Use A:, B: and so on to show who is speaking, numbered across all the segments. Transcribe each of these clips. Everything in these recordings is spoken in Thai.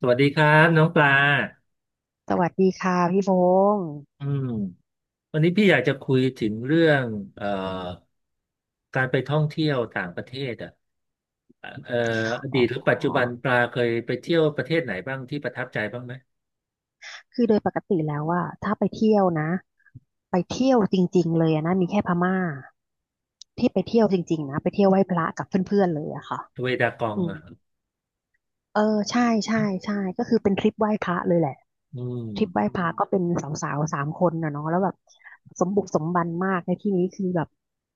A: สวัสดีครับน้องปลา
B: สวัสดีค่ะพี่พงศ์
A: อืมวันนี้พี่อยากจะคุยถึงเรื่องเอ่อการไปท่องเที่ยวต่างประเทศอ่ะเอ่ออ
B: อ๋
A: ดี
B: อ
A: ตหรือปัจจุบันปลาเคยไปเที่ยวประเทศไหนบ้างที่ประทับใจบ้างไหม
B: คือโดยปกติแล้วอะถ้าไปเที่ยวนะไปเที่ยวจริงๆเลยอะนะมีแค่พม่าที่ไปเที่ยวจริงๆนะไปเที่ยวไหว้พระกับเพื่อนๆเลยอะค่ะ
A: เวดากอง
B: อืม
A: อ่ะ
B: เออใช่ใช่ใช่ก็คือเป็นทริปไหว้พระเลยแหละ
A: อืม
B: ทริปไหว้พระก็เป็นสาวๆสามคนนะเนาะแล้วแบบสมบุกสมบันมากในที่นี้คือแบบ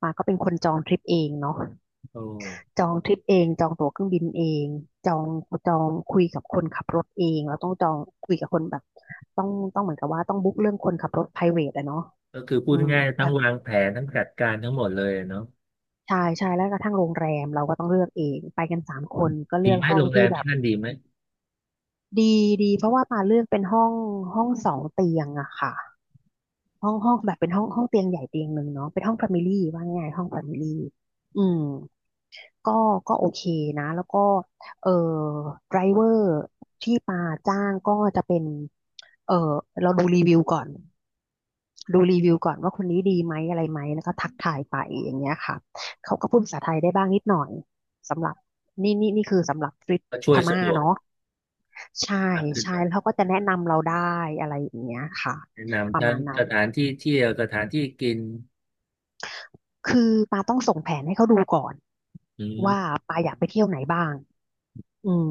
B: มาก็เป็นคนจองทริปเองเนาะ
A: โอ้
B: จองทริปเองจองตั๋วเครื่องบินเองจองจองคุยกับคนขับรถเองเราต้องจองคุยกับคนแบบต้องต้องเหมือนกับว่าต้องบุ๊กเรื่องคนขับรถ private อะเนาะ
A: ก็คือพู
B: อื
A: ด
B: ม
A: ง่ายๆ
B: แบ
A: ทั้ง
B: บ
A: วางแผนทั้งจัดการทั้งหมดเลยเนาะ
B: ใช่ใช่แล้วกระทั่งโรงแรมเราก็ต้องเลือกเองไปกันสามคนก็เลื
A: ดี
B: อก
A: ไหม
B: ห้อ
A: โร
B: ง
A: งแร
B: ที่
A: ม
B: แบ
A: ที่
B: บ
A: นั่นดีไหม
B: ดีดีเพราะว่าปาเลือกเป็นห้องสองเตียงอะค่ะห้องห้องแบบเป็นห้องเตียงใหญ่เตียงหนึ่งเนาะเป็นห้องแฟมิลี่ว่าง่ายๆห้องแฟมิลี่อืม ก็ก็โอเคนะแล้วก็เอ่อไดรเวอร์ที่ปาจ้างก็จะเป็นเอ่อเราดูรีวิวก่อนดูรีวิวก่อนว่าคนนี้ดีไหมอะไรไหมแล้วก็ทักทายไปอย่างเงี้ยค่ะเขาก็พูดภาษาไทยได้บ้างนิดหน่อยสำหรับนี่คือสำหรับทริป
A: ก็ช่
B: พ
A: วยสะ
B: ม่า
A: ดวก
B: เนาะใช่
A: มากขึ้น
B: ใช่
A: ไป
B: แล้วเขาก็จะแนะนำเราได้อะไรอย่างเงี้ยค่ะ
A: แนะ
B: ป
A: นำ
B: ระ
A: ทั้
B: มา
A: ง
B: ณนั้
A: ส
B: น
A: ถานที่เที่ยวสถานที่กิน
B: คือปาต้องส่งแผนให้เขาดูก่อน
A: อื
B: ว่า
A: ม
B: ปาอยากไปเที่ยวไหนบ้าง อืม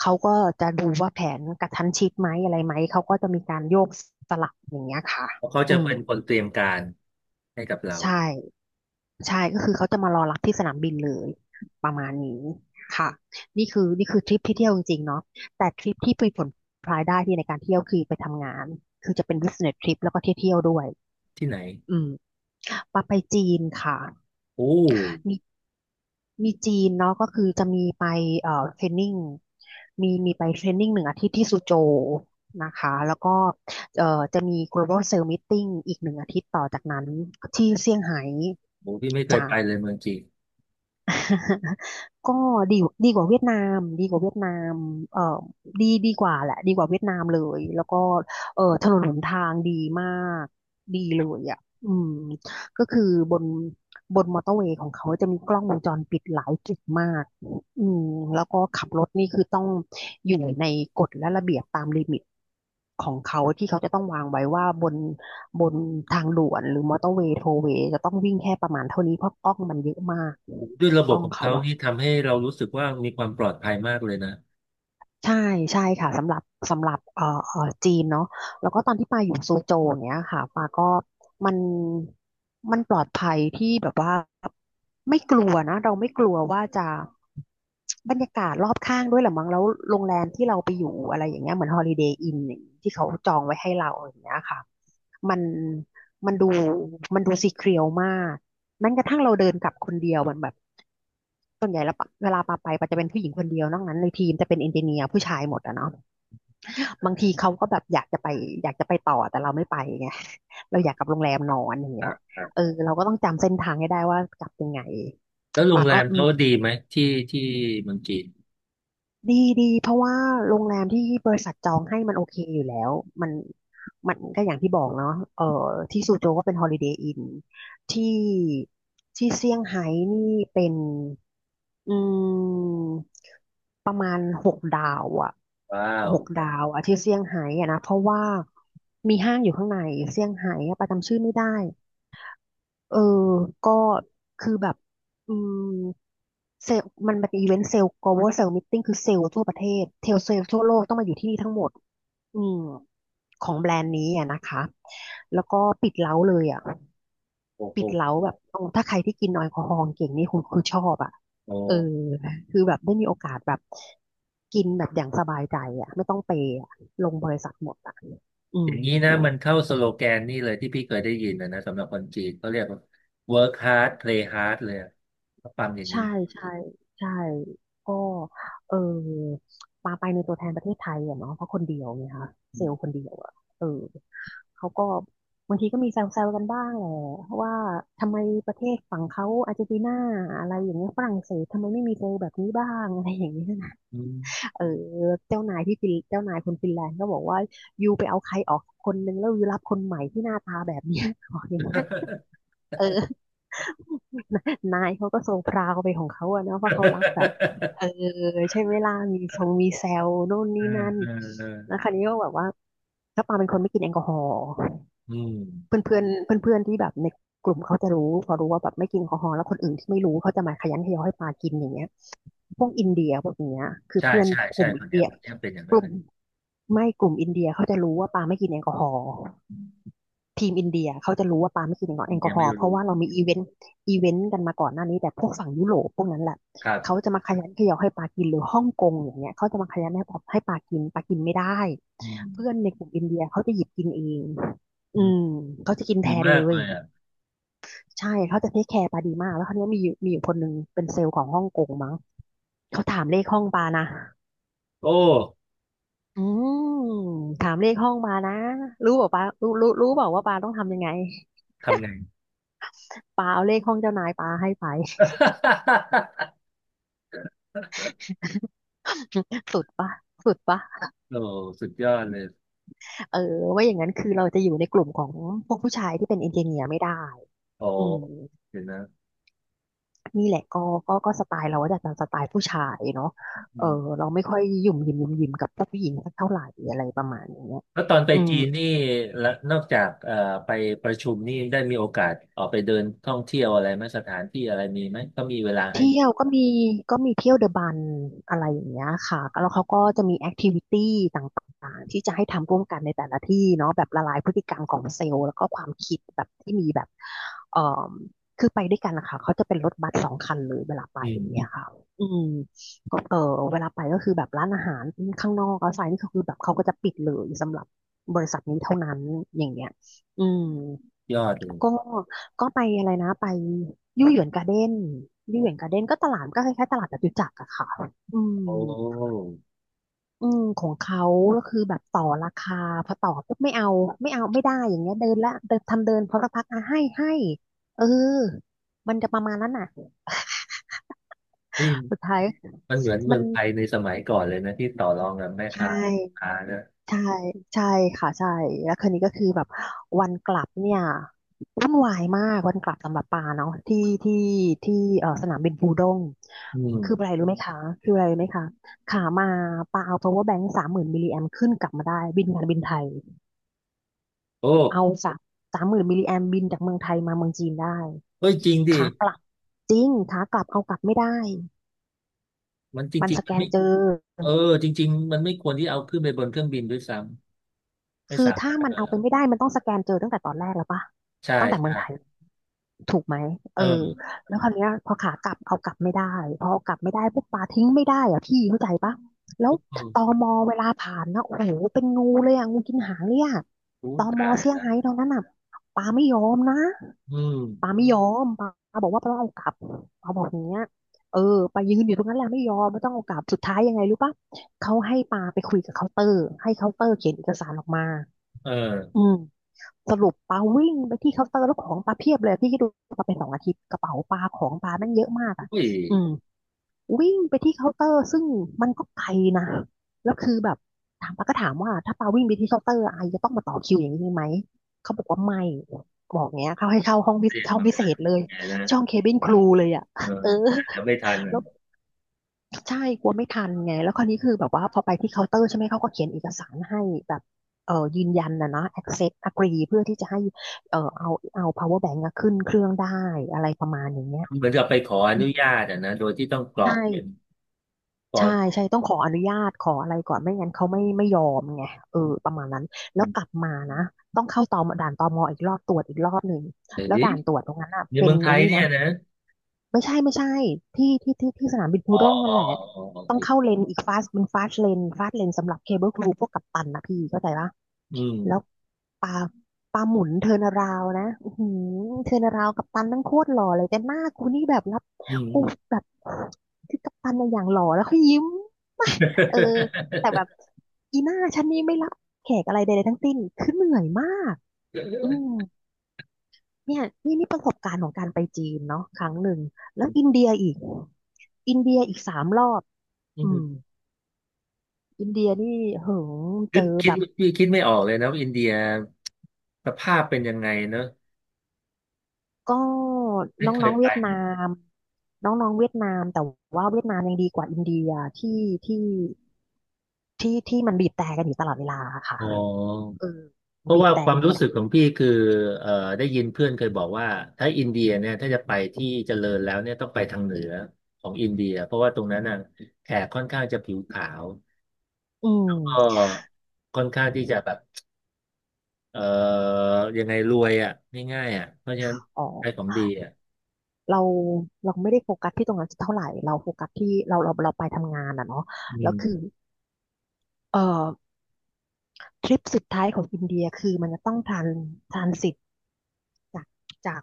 B: เขาก็จะดูว่าแผนกระชั้นชิดไหมอะไรไหมเขาก็จะมีการโยกสลับอย่างเงี้ยค่ะ
A: เพราะเขา
B: อื
A: จะ
B: ม
A: เป็นคนเตรียมการให้กับเรา
B: ใช่ใช่ก็คือเขาจะมารอรับที่สนามบินเลยประมาณนี้ค่ะนี่คือนี่คือทริปที่เที่ยวจริงๆเนาะแต่ทริปที่มีผลพลอยได้ที่ในการเที่ยวคือไปทำงานคือจะเป็น business trip แล้วก็เที่ยวๆด้วย
A: ที่ไหน
B: อืมปาไปจีนค่ะ
A: โอ้โ
B: มีมีจีนเนาะก็คือจะมีไปเทรนนิ่งมีไปเทรนนิ่งหนึ่งอาทิตย์ที่ซูโจวนะคะแล้วก็เอ่อจะมี Global Sales Meeting อีก1 อาทิตย์ต่อจากนั้นที่เซี่ยงไฮ้
A: หพี่ไม่เคย
B: จ้ะ
A: ไปเลยเมืองจีน
B: ก็ดีดีกว่าเวียดนามดีกว่าเวียดนามเอ่อดีกว่าแหละดีกว่าเวียดนามเลยแล้วก็ถนนหนทางดีมากดีเลยอ่ะอืมก็คือบนบนมอเตอร์เวย์ของเขาจะมีกล้องวงจรปิดหลายจุดมากอืมแล้วก็ขับรถนี่คือต้องอยู่ในกฎและระเบียบตามลิมิตของเขาที่เขาจะต้องวางไว้ว่าบนทางด่วนหรือมอเตอร์เวย์โทเวย์จะต้องวิ่งแค่ประมาณเท่านี้เพราะกล้องมันเยอะมาก
A: โอ้ด้วยระบ
B: ก
A: บ
B: ล้อง
A: ของ
B: เขา
A: เขา
B: อะ
A: นี่ทำให้เรารู้สึกว่ามีความปลอดภัยมากเลยนะ
B: ใช่ใช่ค่ะสำหรับจีนเนาะแล้วก็ตอนที่ปาอยู่โซโจอย่างเนี้ยค่ะปาก็มันมันปลอดภัยที่แบบว่าไม่กลัวนะเราไม่กลัวว่าจะบรรยากาศรอบข้างด้วยแหละมั้งแล้วโรงแรมที่เราไปอยู่อะไรอย่างเงี้ยเหมือนฮอลิเดย์อินที่เขาจองไว้ให้เราอย่างเงี้ยค่ะมันมันดูมันดูซีเครียวมาก แม้กระทั่งเราเดินกลับคนเดียวมันแบบส่วนใหญ่แล้วปะเวลาปาไปปาจะเป็นผู้หญิงคนเดียวนอกนั้นในทีมจะเป็นเอนจิเนียร์ผู้ชายหมดอะเนาะบางทีเขาก็แบบอยากจะไปต่อแต่เราไม่ไปไงเราอยากกลับโรงแรมนอนอย่าง
A: ค
B: เงี้
A: รั
B: ย
A: บครั
B: เอ
A: บ
B: อเราก็ต้องจำเส้นทางให้ได้ว่ากลับยังไง
A: แล้วโรง
B: ปา
A: แร
B: ก็
A: ม
B: อื
A: เขา
B: ม
A: ดีไหมที่ที่เมืองจีน
B: ดีดีเพราะว่าโรงแรมที่บริษัทจองให้มันโอเคอยู่แล้วมันมันก็อย่างที่บอกเนาะเออที่ซูโจวก็เป็นฮอลิเดย์อินที่ที่เซี่ยงไฮ้นี่เป็น อืมประมาณหกดาวอะ
A: ว้าว
B: หกดาวอะที่เซี่ยงไฮ้อะนะเพราะว่ามีห้างอยู่ข้างในเซี่ยงไฮ้อะประจำชื่อไม่ได้เออก็คือแบบอืมเซลมันเป็นอีเวนต์เซลล์ global sales meeting คือเซลล์ทั่วประเทศเทลเซลล์ทั่วโลกต้องมาอยู่ที่นี่ทั้งหมดอืมของแบรนด์นี้อ่ะนะคะแล้วก็ปิดเล้าเลยอ่ะ
A: โอ้โห
B: ปิดเล้าแบบโอ้ถ้าใครที่กินแอลกอฮอล์เก่งนี่คณคือชอบอ่ะ
A: โอ
B: เออ
A: ้
B: คือแบบได้มีโอกาสแบบกินแบบอย่างสบายใจอ่ะไม่ต้องเปย์อะลงบริษัทหมดอ่ะอื
A: อ
B: ม
A: ย่างนี้นะมันเข้าสโลแกนนี่เลยที่พี่เคยได้ยินนะนะสำหรับคนจีนเขาเรียกว่า work hard play hard เลยอะก็ปั๊มอย่างนี้
B: ใช่ใช่ใช่ก็เออปาไปในตัวแทนประเทศไทยอะเนาะเพราะคนเดียวไงคะเซลล์คนเดียวอะเออเขาก็บางทีก็มีแซวๆกันบ้างแหละว่าทำไมประเทศฝั่งเขาอาร์เจนตินาอะไรอย่างเงี้ยฝรั่งเศสทำไมไม่มีเซลล์แบบนี้บ้างอะไรอย่างเงี้ย
A: อืม
B: เออเจ้านายที่ฟินเจ้านายคนฟินแลนด์ก็บอกว่ายูไปเอาใครออกคนนึงแล้วยูรับคนใหม่ที่หน้าตาแบบเนี้ย บอกอย่างเงี้ย เออ นายเขาก็ทรงพราวไปของเขาอะเนาะเพราะเขารับแบบเออใช่ไหมล่ะมีทรงมีแซวโน่น
A: อื
B: นี่
A: ม
B: นั่น
A: เออเออเอ
B: แล้ว
A: อ
B: คราวนี้ก็แบบว่าก็ปาเป็นคนไม่กินแอลกอฮอล์
A: อืม
B: เพื่อนเพื่อนเพื่อนเพื่อนๆที่แบบในกลุ่มเขาจะรู้พอรู้ว่าแบบไม่กินแอลกอฮอล์แล้วคนอื่นที่ไม่รู้เขาจะมาขยันขยอให้ปากินอย่างเงี้ย พวกอินเดียพวกเนี้ยคือ
A: ใช่
B: เพื่อน
A: ใช่
B: ก
A: ใช่
B: ลุ่ม
A: ค
B: อิน
A: นเดีย
B: เดี
A: ว
B: ย
A: คนเดียวเป็นอย่าง
B: ก
A: นั้น
B: ลุ่
A: เล
B: ม
A: ย
B: กลุ่มอินเดียเขาจะรู้ว่าปาไม่กินแอลกอฮอล์
A: อืม
B: ทีมอินเดียเขาจะรู้ว่าปาไม่กินแอ
A: อิน
B: ลก
A: เดี
B: อ
A: ย
B: ฮอ
A: ไม่
B: ล์เพราะ
A: รู้
B: ว่าเรามีอีเวนต์กันมาก่อนหน้านี้แต่พวกฝั่งยุโรปพวกนั้นแหละ
A: ครั
B: เขา
A: บ
B: จะมาขยันเขยอให้ปากินหรือฮ่องกงอย่างเงี้ยเขาจะมาขยันให้ปากินปากินไม่ได้
A: อืม
B: เพื่อนในกลุ่มอินเดียเขาจะหยิบกินเองอืมเขาจะกินแท
A: ดี
B: น
A: มา
B: เล
A: กเล
B: ย
A: ยอ่ะ
B: ใช่เขาจะเทคแคร์ปาดีมากแล้วคราวเนี้ยมีอยู่คนหนึ่งเป็นเซลล์ของฮ่องกงมั้งเขาถามเลขห้องปานะ
A: โอ้
B: อืมถามเลขห้องมานะรู้บอกปารู้บอกว่าปาต้องทำยังไง
A: ทำไง
B: ปาเอาเลขห้องเจ้านายปาให้ไป สุดปะสุดปะ
A: โอ้สุดยอดเลย
B: เออว่าอย่างนั้นคือเราจะอยู่ในกลุ่มของพวกผู้ชายที่เป็นเอนจิเนียร์ไม่ได้
A: โอ้
B: อืม
A: เดี๋ยวนะ
B: นี่แหละก็สไตล์เราก็จะเป็นสไตล์ผู้ชายเนาะ
A: อื
B: เออ
A: ม
B: เราไม่ค่อยหยุ่มหยิมกับผู้หญิงสักเท่าไหร่อะไรประมาณอย่างเงี้ย
A: แล้วตอนไป
B: อืม
A: จีนนี่ละนอกจากไปประชุมนี่ได้มีโอกาสออกไปเดินท่องเที่ยวอะไรไหมสถานที่อะไรมีไหมก็มีเวลาให้
B: เที่ยวก็มีก็มีเที่ยวเดอะบันอะไรอย่างเงี้ยค่ะแล้วเขาก็จะมีแอคทิวิตี้ต่างๆที่จะให้ทำร่วมกันในแต่ละที่เนาะแบบละลายพฤติกรรมของเซลล์แล้วก็ความคิดแบบที่มีแบบเอ่อคือไปด้วยกันนะคะเขาจะเป็นรถบัส2 คันเลยเวลาไป
A: อืม
B: อย่าง
A: อื
B: เงี้ย
A: ม
B: ค่ะอืมก็เออเวลาไปก็คือแบบร้านอาหารข้างนอกเอาไซน์นี่ก็คือแบบเขาก็จะปิดเลยสำหรับบริษัทนี้เท่านั้นอย่างเงี้ยอืม
A: ยอดเลย
B: ก็ก็ไปอะไรนะไปยู่หยวนการ์เด้นยู่หยวนการ์เด้นก็ตลาดก็คล้ายๆตลาดจตุจักรอะค่ะอืม
A: โอ้
B: อืมของเขาก็คือแบบต่อราคาพอต่อปุ๊บไม่เอาไม่ได้อย่างเงี้ยเดินละเดินทำเดินพอสักพักอ่ะให้เออมันจะประมาณนั้นน่ะ
A: นี่
B: สุดท้าย
A: มันเหมือนเมื
B: มั
A: อ
B: น
A: งไทยในสมัยก่อนเลยนะที่ต่อรองกับแม่
B: ใช่
A: ค้าพ่อค้านะ
B: ใช่ใช่ค่ะใช่แล้วคืนนี้ก็คือแบบวันกลับเนี่ยวุ่นวายมากวันกลับสำหรับปาเนาะที่ที่เอ่อสนามบินปูด้ง
A: อื
B: คืออะไร
A: ม
B: รู้ไหมคะคืออะไรรู้ไหมคะขามาปาเอา power bank สามหมื่นมิลลิแอมขึ้นกลับมาได้บินการบินไทย
A: โอ้
B: เอาสามหมื่นมิลลิแอมบินจากเมืองไทยมาเมืองจีนได้
A: เฮ้ยจริงดิ
B: ขากลับจริงขากลับเอากลับไม่ได้
A: มันจ
B: มัน
A: ริง
B: สแกนเจอ
A: ๆ เออจริงๆมันไม่ควรที่เอาขึ้นไปบนเครื่องบินด้วยซ้ำไม่
B: คือ
A: สา
B: ถ้า
A: มารถ
B: มัน
A: เลย
B: เอา
A: เหร
B: ไป
A: อ
B: ไม่ได้มันต้องสแกนเจอตั้งแต่ตอนแรกแล้วปะ
A: ใช่
B: ตั้งแต่เมือง
A: ใช่
B: ไทย ถูกไหมเอ
A: เอ
B: อ
A: อ
B: แล้วคราวเนี้ยพอขากลับเอากลับไม่ได้พอเอากลับไม่ได้ปุ๊บปลาทิ้งไม่ได้อะพี่เข้าใจปะแล้
A: เ
B: วต
A: ออ
B: มเวลาผ่านนะโอ้โหเป็นงูเลยอะงูกินหางเนี่ะ
A: รู้
B: ตม
A: ตาย
B: เซี่ยง
A: ละ
B: ไฮ้ตอนนั้นอ่ะปลาไม่ยอมนะ
A: อื
B: ปลา
A: ม
B: ไม่ยอมปลาบอกว่าปาต้องเอากลับปลาบอกอย่างเงี้ยเออไปายืนอยู่ตรงนั้นแหละไม่ยอมไม่ต้องเอากลับสุดท้ายยังไงรู้ปะเขาให้ปลาไปคุยกับเคาน์เตอร์ให้เคาน์เตอร์เขียนเอกสารออกมา
A: เอ
B: อื
A: อ
B: ม สรุปปาวิ่งไปที่เคาน์เตอร์แล้วของปาเพียบเลยพี่คิดดูปาไป2 อาทิตย์กระเป๋าปาของปาแม่งเยอะมากอ่ะ
A: อุ้ย
B: อืมวิ่งไปที่เคาน์เตอร์ซึ่งมันก็ไกลนะแล้วคือแบบถามปาก็ถามว่าถ้าปาวิ่งไปที่เคาน์เตอร์ไอจะต้องมาต่อคิวอย่างนี้ไหมเขาบอกว่าไม่บอกเงี้ยเขาให้เช่าห้องพิ
A: เต
B: เศ
A: รีย
B: ษ
A: มมาไม่ได้
B: เลย
A: ไงนะ
B: ช่องเคบินครูเลยอ่ะ
A: เออ
B: เออ
A: เดี๋ยวไม่ทัน
B: แล้
A: นะ
B: ว ใช่กลัวไม่ทันไงแล้วคราวนี้คือแบบว่าพอไปที่เคาน์เตอร์ใช่ไหมเขาก็เขียนเอกสารให้แบบเออยืนยันนะ accept agree เพื่อที่จะให้เอาpower bank อะขึ้นเครื่องได้อะไรประมาณอย่างเงี้ย
A: เหมือนกับไปขออ
B: อืม
A: นุญาตอะนะโดยที่ต้องกรอกเป็น
B: ใช่
A: ฟอ
B: ใช่
A: ร์ม
B: ใช่ต้องขออนุญาตขออะไรก่อนไม่งั้นเขาไม่ยอมไงเออประมาณนั้น
A: อื
B: แล้ว
A: ม
B: กลับมานะต้องเข้าตอมด่านตมอีกรอบตรวจอีกรอบหนึ่ง
A: เฮ้
B: แล้ว
A: ย
B: ด่านตรวจตรงนั้นอ่ะ
A: ใน
B: เป็
A: เมื
B: น
A: องไท
B: ไอ้
A: ย
B: นี่
A: เนี่
B: นะ
A: ยนะ
B: ไม่ใช่ไม่ใช่ที่สนามบินปู
A: อ๋อ
B: ด้ง
A: อ๋
B: นั่
A: อ
B: นแหละ
A: อ๋ออ๋อโอ
B: ต้
A: เค
B: องเข้าเลนอีกฟาสเป็นฟาสเลนฟาสเลนสำหรับเคเบิลครูพวกกัปตันนะพี่เข้าใจปะ
A: อืม
B: แล้วปลาปลาหมุนเทิร์นาราวนะอือหือเทิร์นาราวกัปตันนั่งโคตรหล่อเลยแต่หน้ากูนี่แบบรับ
A: อืม
B: กู
A: อืม
B: แบบคือกัปตันในยอย่างหล่อแล้วเขายิ้ม เออแต่แบบอีหน้าฉันนี่ไม่รับแขกอะไรใดๆทั้งสิ้นคือเหนื่อยมากอื ม เนี่ยนี่ประสบการณ์ของการไปจีนเนาะครั้งหนึ่งแล้วอินเดียอีกอินเดียอีก3 รอบ
A: อื
B: อืม
A: ม
B: อินเดียนี่เหิงเจ
A: คิด
B: อ
A: คิ
B: แบ
A: ด
B: บ
A: ่คิดไม่ออกเลยนะว่าอินเดียสภาพเป็นยังไงเนอะ
B: ก็
A: ไม่เค
B: น้อ
A: ย
B: งๆ
A: ไป
B: เวียดนามน้องๆเวียดนามแต่ว่าเวียดนามยังดีกว่าอินเดียที่ที่ที่มันบีบแตรกันอยู่ตลอดเวลาค่ะ
A: อ๋อ
B: เออ
A: เพราะ
B: บีบ
A: ว่า
B: แต่
A: ควา
B: กัน
A: ม
B: อยู่
A: รู้
B: ตลอ
A: สึ
B: ด
A: กของพี่คือเอ่อได้ยินเพื่อนเคยบอกว่าถ้าอินเดียเนี่ยถ้าจะไปที่เจริญแล้วเนี่ยต้องไปทางเหนือของอินเดียเพราะว่าตรงนั้นน่ะแขกค่อนข้างจะผิวขาว
B: อืม
A: ก็ค่อนข้างที่จะแบบเอ่อยังไงรวยอ่ะง่ายๆอ่ะเพราะฉะนั้น
B: อ๋อ
A: ใช้ของดีอ่ะ
B: เราเราไม่ได้โฟกัสที่ตรงนั้นเท่าไหร่เราโฟกัสที่เราไปทำงานอ่ะเนาะ
A: อื
B: แล้วคือ
A: ม
B: เออ ทริปสุดท้ายของอินเดียคือมันจะต้องทรานทรานสิตจากจาก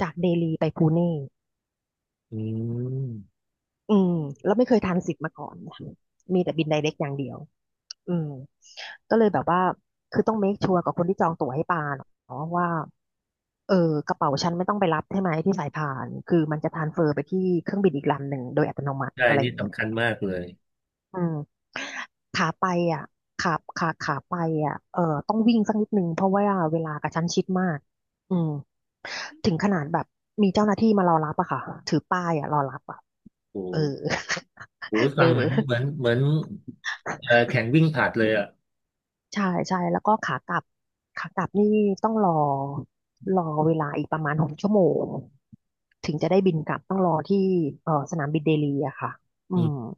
B: จากเดลีไปพูเน่
A: อืม
B: อืมแล้วไม่เคยทรานสิตมาก่อนนะมีแต่บินไดเรกอย่างเดียวอืมก็เลยแบบว่าคือต้องเมคชัวร์กับคนที่จองตั๋วให้ปาเนาะว่าเออกระเป๋าฉันไม่ต้องไปรับใช่ไหมที่สายพานคือมันจะทรานสเฟอร์ไปที่เครื่องบินอีกลำหนึ่งโดยอัตโนมัติ
A: ใช่
B: อะไรอ
A: นี่
B: ย่างเงี้ย
A: สำคัญมากเลย
B: อืมขาไปอ่ะขาขาไปอ่ะเออต้องวิ่งสักนิดนึงเพราะว่าเวลากระชั้นชิดมากอืมถึงขนาดแบบมีเจ้าหน้าที่มารอรับอะค่ะถือป้ายอะรอรับอะ
A: โอ้
B: เอ
A: โห
B: อ
A: โอ้โห
B: เอ
A: ฟังเหมือนเห
B: อ
A: มือนเหมือนแข่งวิ่งผลัดเลยอ่ะ
B: ใช่ใช่แล้วก็ขากลับขากลับนี่ต้องรอเวลาอีกประมาณ6 ชั่วโมงถึงจะได้บินกลับต้องรอที่เออสนามบินเดลีอะค่ะอื
A: อื
B: ม
A: ม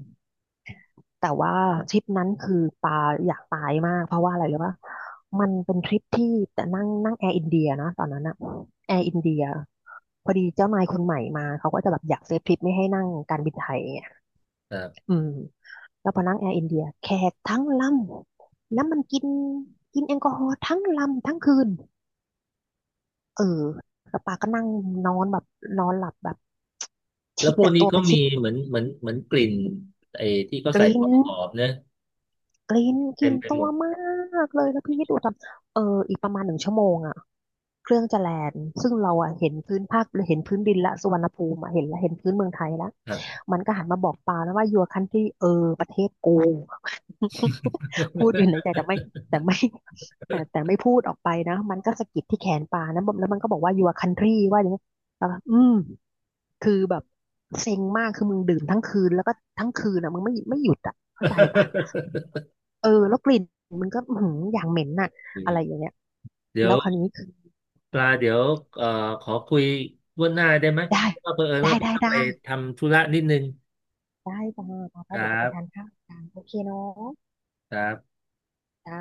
B: แต่ว่าทริปนั้นคือปาอยากตายมากเพราะว่าอะไรรู้ป่ะมันเป็นทริปที่แต่นั่งนั่งแอร์อินเดียนะตอนนั้นอะแอร์อินเดียพอดีเจ้านายคนใหม่มาเขาก็จะแบบอยากเซฟทริปไม่ให้นั่งการบินไทยไง
A: ครับ
B: อืมแล้วพอนั่งแอร์อินเดียแขกทั้งลำแล้วมันกินกินแอลกอฮอล์ทั้งลำทั้งคืนเออแล้วปาก็นั่งนอนแบบนอนหลับแบบ
A: แล้
B: ชิ
A: ว
B: ด
A: พวก
B: แต่
A: นี้
B: ตัวป
A: ก็
B: ระ
A: มี
B: ชิด
A: เหมือนเหมือนเหมือนกลิ่นไอ้ที่เขา
B: ก
A: ใส่
B: ลิ้
A: ข
B: ง
A: องหอมเนอะ
B: กลินกลิ
A: เต็ม
B: น
A: ไป
B: ตั
A: หม
B: ว
A: ด
B: มากเลยแล้วพี่คิดดูตอนเอออีกประมาณ1 ชั่วโมงอ่ะเครื่องจะแลนด์ซึ่งเราอ่ะเห็นพื้นภาคเห็นพื้นดินละสุวรรณภูมิอะเห็นละเห็นพื้นเมืองไทยละ
A: ครับ
B: มันก็หันมาบอกปาแล้วว่า your country เออประเทศกู พูดอยู่ในใจแต่ไม่แต่ไม่พูดออกไปนะมันก็สะกิดที่แขนปานะแล้วมันก็บอกว่า your country ว่าอย่างเงี้ยแล้วก็อืมคือแบบเซ็งมากคือมึงดื่มทั้งคืนแล้วก็ทั้งคืนอ่ะมึงไม่หยุดอ่ะเข้าใจปะ เออแล้วกลิ่นมันก็หืออย่างเหม็นน่ะอะไรอย่าง
A: เ
B: เงี้ย
A: ดี๋ย
B: แล้
A: ว
B: วคราวนี้คือ
A: ปลาเดี๋ยวเอ่อขอคุยล่วงหน้าได้ไหม
B: ได้
A: เพราะว่าเผอิญ
B: ได้
A: ว่าพี่
B: ได้
A: ต้อง
B: ได้
A: ไปทำธุระนิดนึง
B: ได้จ้าจ้า
A: ค
B: จ้า
A: รั
B: เดี๋ยวจะไปทาน
A: บ
B: ข้าวกันโอเคเนาะ
A: ครับ
B: จ้า